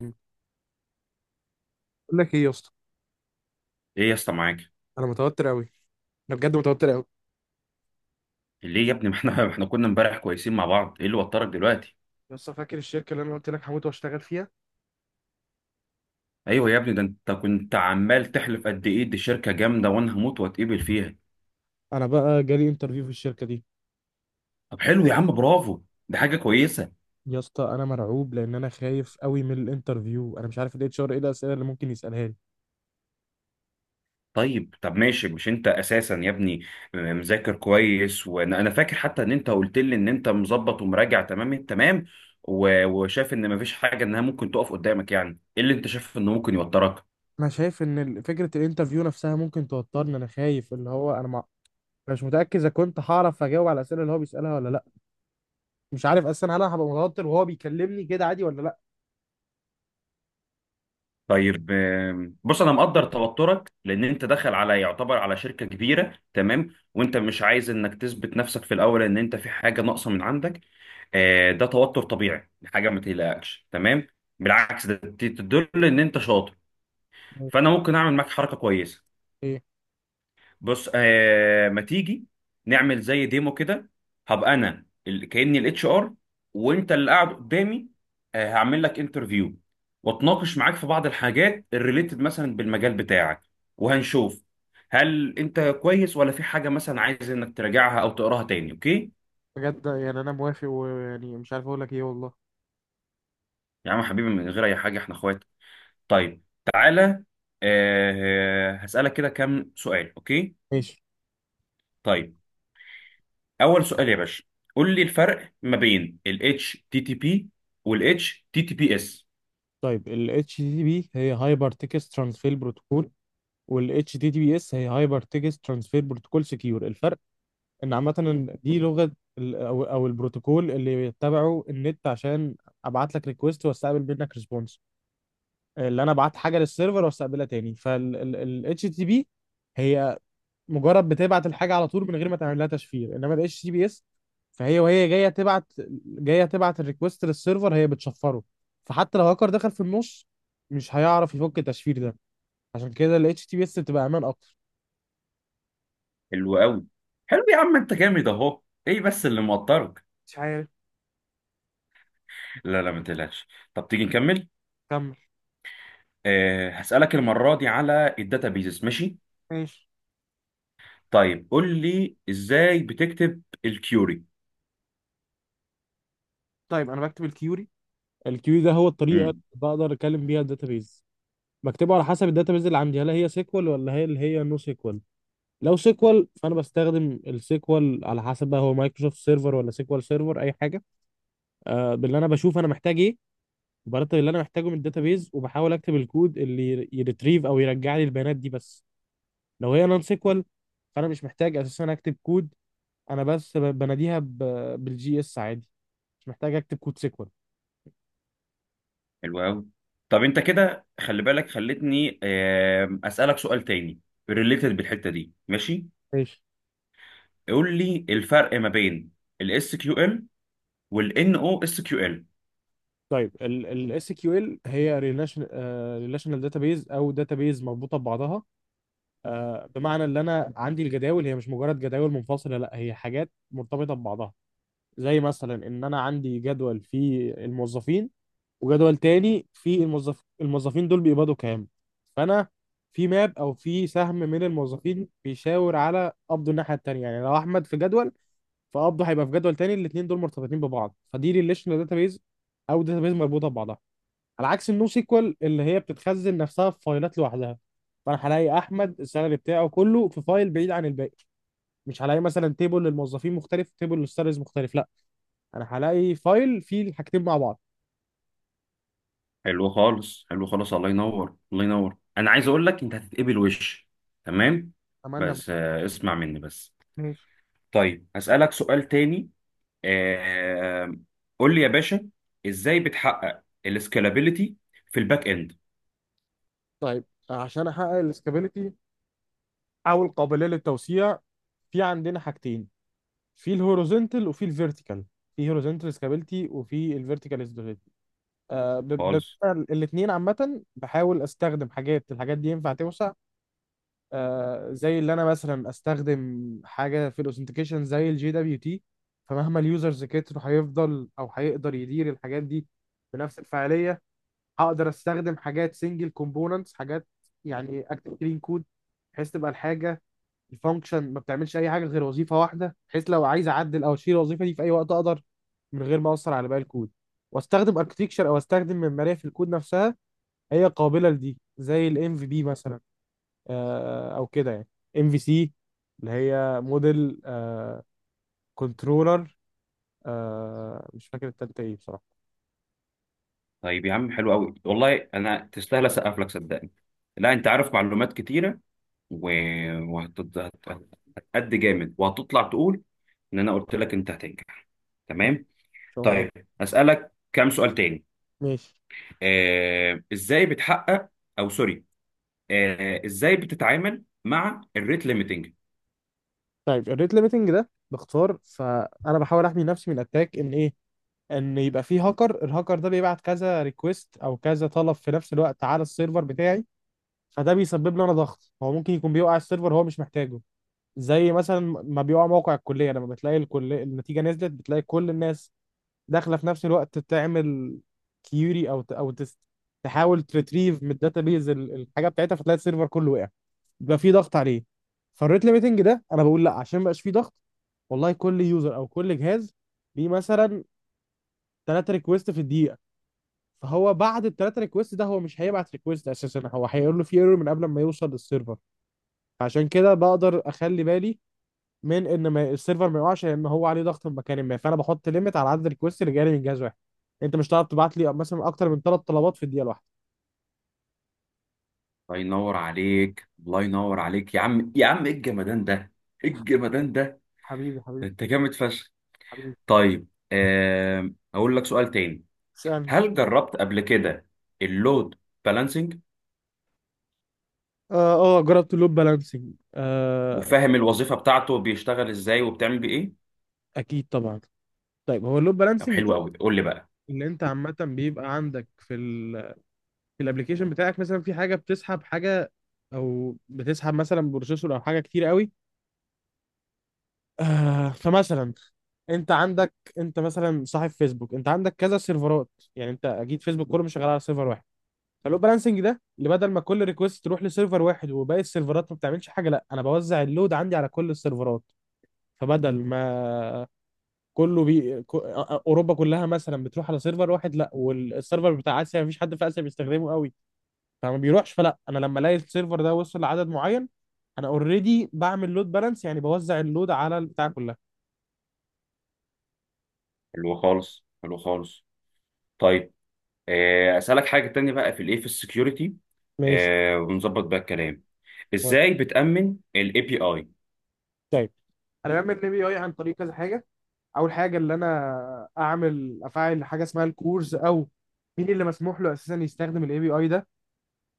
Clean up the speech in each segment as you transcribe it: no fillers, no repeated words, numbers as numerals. مم. بقول لك ايه يا اسطى؟ ايه يا اسطى معاك. انا متوتر قوي. انا بجد متوتر قوي. ليه يا ابني؟ ما احنا كنا امبارح كويسين مع بعض، ايه اللي وترك دلوقتي؟ يا اسطى، فاكر الشركه اللي انا قلت لك هموت واشتغل فيها؟ ايوه يا ابني، ده انت كنت عمال تحلف قد ايه دي شركه جامده وانا هموت واتقبل فيها. انا بقى جالي انترفيو في الشركه دي. طب حلو يا عم، برافو، ده حاجه كويسه. يا اسطى، انا مرعوب لان انا خايف قوي من الانترفيو. انا مش عارف الاتش ار ايه الاسئله اللي ممكن يسالها لي. طيب، طب ماشي، مش انت اساسا يا ابني مذاكر كويس، وانا فاكر حتى ان انت قلت لي ان انت مظبط ومراجع تمام التمام، وشايف ان مفيش حاجه انها ممكن تقف قدامك، يعني ايه اللي انت شايف انه ممكن يوترك؟ انا شايف ان فكره الانترفيو نفسها ممكن توترني. انا خايف، اللي هو انا مع... أنا مش متاكد اذا كنت هعرف اجاوب على الاسئله اللي هو بيسالها ولا لا. مش عارف اصلا هل انا هبقى متوتر وهو بيكلمني كده عادي ولا لا. طيب بص، انا مقدر توترك لان انت داخل على يعتبر على شركه كبيره تمام، وانت مش عايز انك تثبت نفسك في الاول ان انت في حاجه ناقصه من عندك. ده توتر طبيعي، حاجه ما تقلقكش تمام. بالعكس، ده تدل ان انت شاطر. مم. فانا ممكن اعمل معاك حركه كويسه. ايه؟ بص ما تيجي نعمل زي ديمو كده. هبقى انا كاني الاتش ار، وانت اللي قاعد قدامي. آه، هعمل لك انترفيو واتناقش معاك في بعض الحاجات الريليتد مثلا بالمجال بتاعك، وهنشوف هل انت كويس ولا في حاجه مثلا عايز انك تراجعها او تقراها تاني. اوكي بجد يعني انا موافق، ويعني مش عارف اقول لك ايه والله. يا عم حبيبي، من غير اي حاجه، احنا اخوات. طيب، تعالى، هسألك كده كام سؤال. اوكي، ماشي. طيب، اول سؤال يا باشا، قول لي الفرق ما بين ال HTTP وال HTTPS. طيب ال HTTP هي هايبر تكست ترانسفير بروتوكول، وال HTTPS هي هايبر تكست ترانسفير بروتوكول سكيور. الفرق ان عامة إن دي لغة ال- او او البروتوكول اللي بيتبعه النت عشان ابعت لك ريكويست واستقبل منك ريسبونس، اللي انا ابعت حاجة للسيرفر واستقبلها تاني. فال ال ال HTTP هي مجرد بتبعت الحاجه على طول من غير ما تعمل لها تشفير، انما الاتش تي بي اس فهي جايه تبعت الريكوست للسيرفر، هي بتشفره. فحتى لو هاكر دخل في النص مش هيعرف يفك التشفير ده. عشان كده ال HTTPS بتبقى امان اكتر. حلو قوي، حلو يا عم، انت جامد اهو. ايه بس اللي موترك؟ مش عارف. لا لا، ما تقلقش. طب تيجي نكمل. كمل. هسألك المرة دي على الداتابيزز، ماشي؟ ماشي. طيب قول لي ازاي بتكتب الكيوري. طيب انا بكتب الكيوري. الكيوري ده هو الطريقه اللي امم. بقدر اكلم بيها الداتابيز. بكتبه على حسب الداتابيز اللي عندي، هل هي سيكوال ولا هي نو سيكوال. لو سيكوال فانا بستخدم السيكوال، على حسب بقى هو مايكروسوفت سيرفر ولا سيكوال سيرفر اي حاجه. باللي انا بشوف انا محتاج ايه، وبرتب اللي انا محتاجه من الداتابيز، وبحاول اكتب الكود اللي يريتريف او يرجع لي البيانات دي بس. لو هي نون سيكوال فانا مش محتاج اساسا اكتب كود. انا بس بناديها بالجي اس عادي، مش محتاج اكتب كود سيكوال. حلو قوي. طب انت كده خلي بالك، خلتني أسألك سؤال تاني ريليتد بالحتة دي، ماشي؟ ماشي. قول لي الفرق ما بين الاس كيو ال SQL والان او اس كيو ال. طيب الاس كيو ال SQL هي ريليشنال داتابيز او داتابيز مربوطه ببعضها. بمعنى ان انا عندي الجداول هي مش مجرد جداول منفصله، لا هي حاجات مرتبطه ببعضها. زي مثلا ان انا عندي جدول في الموظفين، وجدول تاني في الموظفين دول بيقبضوا كام. فانا في ماب او في سهم من الموظفين بيشاور على قبضه الناحيه التانيه. يعني لو احمد في جدول فقبضه هيبقى في جدول تاني، الاثنين دول مرتبطين ببعض. فدي ريليشنال داتابيز او داتابيز مربوطه ببعضها، على عكس النو سيكوال اللي هي بتتخزن نفسها في فايلات لوحدها. فانا هلاقي احمد السالري بتاعه كله في فايل بعيد عن الباقي، مش هلاقي مثلا تيبل للموظفين مختلف، تيبل للسالاريز مختلف، لا، انا هلاقي فايل فيه الحاجتين مع بعض. حلو خالص، حلو خالص، الله ينور، الله ينور. انا عايز اقول لك انت هتتقبل وش، تمام؟ اتمنى. بس اسمع مني بس. طيب هسألك سؤال تاني. آه، قول لي يا باشا، ازاي بتحقق السكالابيليتي في الباك اند؟ طيب عشان احقق الاستابيليتي او القابليه للتوسيع، في عندنا حاجتين: في الهوريزونتال وفي الفيرتيكال، في هوريزونتال استابيليتي وفي الفيرتيكال استابيليتي. آه. خالص. الاثنين عامه بحاول استخدم الحاجات دي ينفع توسع. زي اللي انا مثلا استخدم حاجه في الاوثنتيكيشن زي الجي دبليو تي، فمهما اليوزرز كتروا هيفضل، او هيقدر يدير الحاجات دي بنفس الفعاليه. هقدر استخدم حاجات سنجل كومبوننتس، حاجات يعني اكتب كلين كود، بحيث تبقى الحاجه، الفانكشن ما بتعملش اي حاجه غير وظيفه واحده، بحيث لو عايز اعدل او اشيل الوظيفه دي في اي وقت اقدر من غير ما اثر على باقي الكود. واستخدم اركتكشر او استخدم معماريه في الكود نفسها هي قابله لدي زي الام في بي مثلا. او كده يعني، ام في سي، اللي هي موديل، كنترولر. مش فاكر التالتة ايه بصراحه. طيب يا عم، حلو قوي والله، انا تستاهل اسقف لك صدقني. لا، انت عارف معلومات كتيره و... وهتقد جامد، وهتطلع تقول ان انا قلت لك انت هتنجح، تمام. ان شاء الله. طيب أسألك كام سؤال تاني. ماشي. ازاي بتحقق، او سوري، ازاي بتتعامل مع الريت ليميتنج؟ طيب الريت ليميتنج ده باختصار فانا بحاول احمي نفسي من اتاك، ان ايه؟ ان يبقى في هاكر، الهاكر ده بيبعت كذا ريكويست او كذا طلب في نفس الوقت على السيرفر بتاعي. فده بيسبب لي انا ضغط، هو ممكن يكون بيوقع السيرفر هو مش محتاجه. زي مثلا ما بيوقع موقع الكليه، لما بتلاقي الكليه النتيجه نزلت، بتلاقي كل الناس داخله في نفس الوقت تعمل كيوري او ت- او تس- تحاول تريتريف من الداتابيز الحاجه بتاعتها، فتلاقي السيرفر كله وقع، يبقى في ضغط عليه. فالريت ليميتنج ده انا بقول لا، عشان مبقاش في ضغط، والله كل يوزر او كل جهاز ليه مثلا 3 ريكويست في الدقيقه. فهو بعد ال3 ريكويست ده، هو مش هيبعت ريكويست اساسا، هو هيقول له في ايرور من قبل ما يوصل للسيرفر. عشان كده بقدر اخلي بالي من ان ما السيرفر ما يقعش، لان هو عليه ضغط مكاني ما، فانا بحط ليميت على عدد الريكوست اللي جاي من جهاز واحد، انت مش هتعرف تبعت لي مثلا اكتر من 3 طلبات في الدقيقه الواحده. الله ينور عليك، الله ينور عليك يا عم، يا عم ايه الجمدان ده، ايه الجمدان ده، حبيبي، ده حبيبي، انت جامد فشخ. حبيبي. طيب اقول لك سؤال تاني. اسألني. هل جربت قبل كده اللود بالانسنج؟ اه. اه، جربت اللود بالانسنج، آه. وفاهم الوظيفة بتاعته بيشتغل ازاي وبتعمل بيه ايه؟ اكيد طبعا. طيب هو اللود طب بالانسنج ده حلو قوي، قول لي بقى. اللي انت عامه بيبقى عندك في في الابلكيشن بتاعك، مثلا في حاجه بتسحب حاجه، او بتسحب مثلا بروسيسور او حاجه كتير قوي. فمثلا انت عندك، انت مثلا صاحب فيسبوك، انت عندك كذا سيرفرات. يعني انت اكيد فيسبوك كله مش شغال على سيرفر واحد. فاللود بالانسنج ده اللي بدل ما كل ريكوست تروح لسيرفر واحد وباقي السيرفرات ما بتعملش حاجه، لا، انا بوزع اللود عندي على كل السيرفرات. فبدل ما كله بي... ك- اوروبا كلها مثلا بتروح على سيرفر واحد، لا، والسيرفر بتاع اسيا مفيش حد في اسيا بيستخدمه قوي فما بيروحش. فلا انا لما الاقي السيرفر ده وصل لعدد معين، انا اوريدي بعمل لود بالانس، يعني بوزع اللود على البتاع كلها. حلو خالص، حلو خالص. طيب اسالك حاجه تانية بقى في الايه، في السكيورتي. ماشي. ونظبط بقى الكلام، ازاي بتامن الاي بي اي؟ طيب انا بعمل ال بي اي عن طريق كذا حاجه. اول حاجه اللي انا افعل حاجه اسمها الكورز، او مين اللي مسموح له اساسا يستخدم الاي بي اي ده.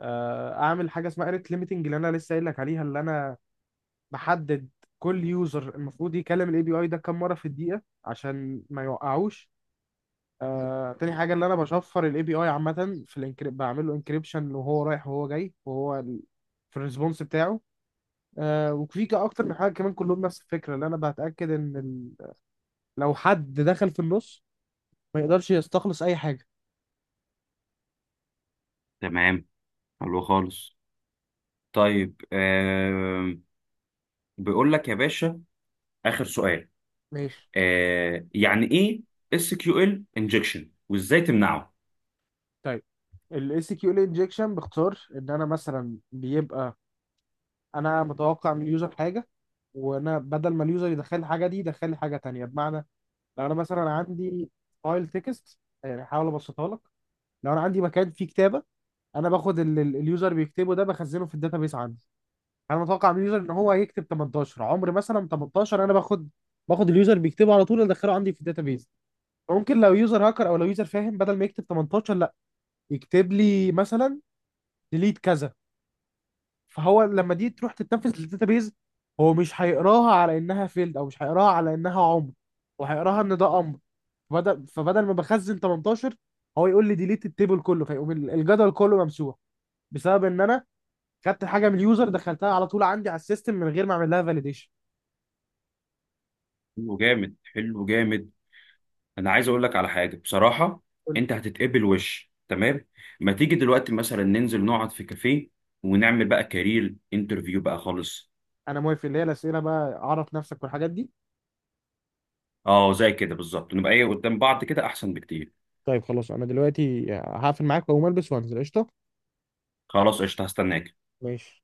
اعمل حاجه اسمها ريت ليميتنج، اللي انا لسه قايل لك عليها، اللي انا بحدد كل يوزر المفروض يكلم الاي بي اي ده كام مره في الدقيقه عشان ما يوقعوش. تاني حاجه اللي انا بشفر الاي بي اي عامه، في الانكريب بعمل له انكريبشن وهو رايح وهو جاي، وهو في الريسبونس بتاعه. اكتر من حاجه كمان كلهم نفس الفكره، اللي انا بتاكد ان لو حد دخل في النص ما يقدرش يستخلص اي حاجه. تمام، حلو خالص. طيب آه، بيقول لك يا باشا، اخر سؤال. ماشي. آه، يعني ايه اس كيو ال انجكشن وازاي تمنعه؟ طيب الاي سي كيو انجكشن باختصار، ان انا مثلا بيبقى انا متوقع من اليوزر حاجه، وانا بدل ما اليوزر يدخل الحاجه دي يدخل لي حاجه تانية. بمعنى لو انا مثلا عندي فايل تكست، يعني هحاول ابسطها لك، لو انا عندي مكان فيه كتابه، انا باخد اللي اليوزر بيكتبه ده بخزنه في الداتابيس عندي. انا متوقع من اليوزر ان هو هيكتب 18، عمر مثلا، 18 انا باخد اليوزر بيكتبه على طول ادخله عندي في الداتابيس. ممكن لو يوزر هاكر او لو يوزر فاهم بدل ما يكتب 18، لا يكتب لي مثلا ديليت كذا. فهو لما دي تروح تتنفذ للداتابيز، هو مش هيقراها على انها فيلد، او مش هيقراها على انها عمر، وهيقراها ان ده امر. فبدل ما بخزن 18، هو يقول لي ديليت التيبل كله، فيقوم الجدول كله ممسوح، بسبب ان انا خدت حاجه من اليوزر دخلتها على طول عندي على السيستم من غير ما اعمل لها فاليديشن. حلو جامد، حلو جامد. انا عايز اقول لك على حاجه بصراحه، انت هتتقبل وش تمام. ما تيجي دلوقتي مثلا ننزل نقعد في كافيه ونعمل بقى كارير انترفيو بقى خالص. انا موافق، اللي هي الاسئله بقى اعرف نفسك والحاجات دي. اه زي كده بالظبط، نبقى ايه قدام بعض كده احسن بكتير. طيب خلاص، انا دلوقتي هقفل معاك واقوم البس وانزل قشطه. خلاص، قشطه، هستناك. ماشي.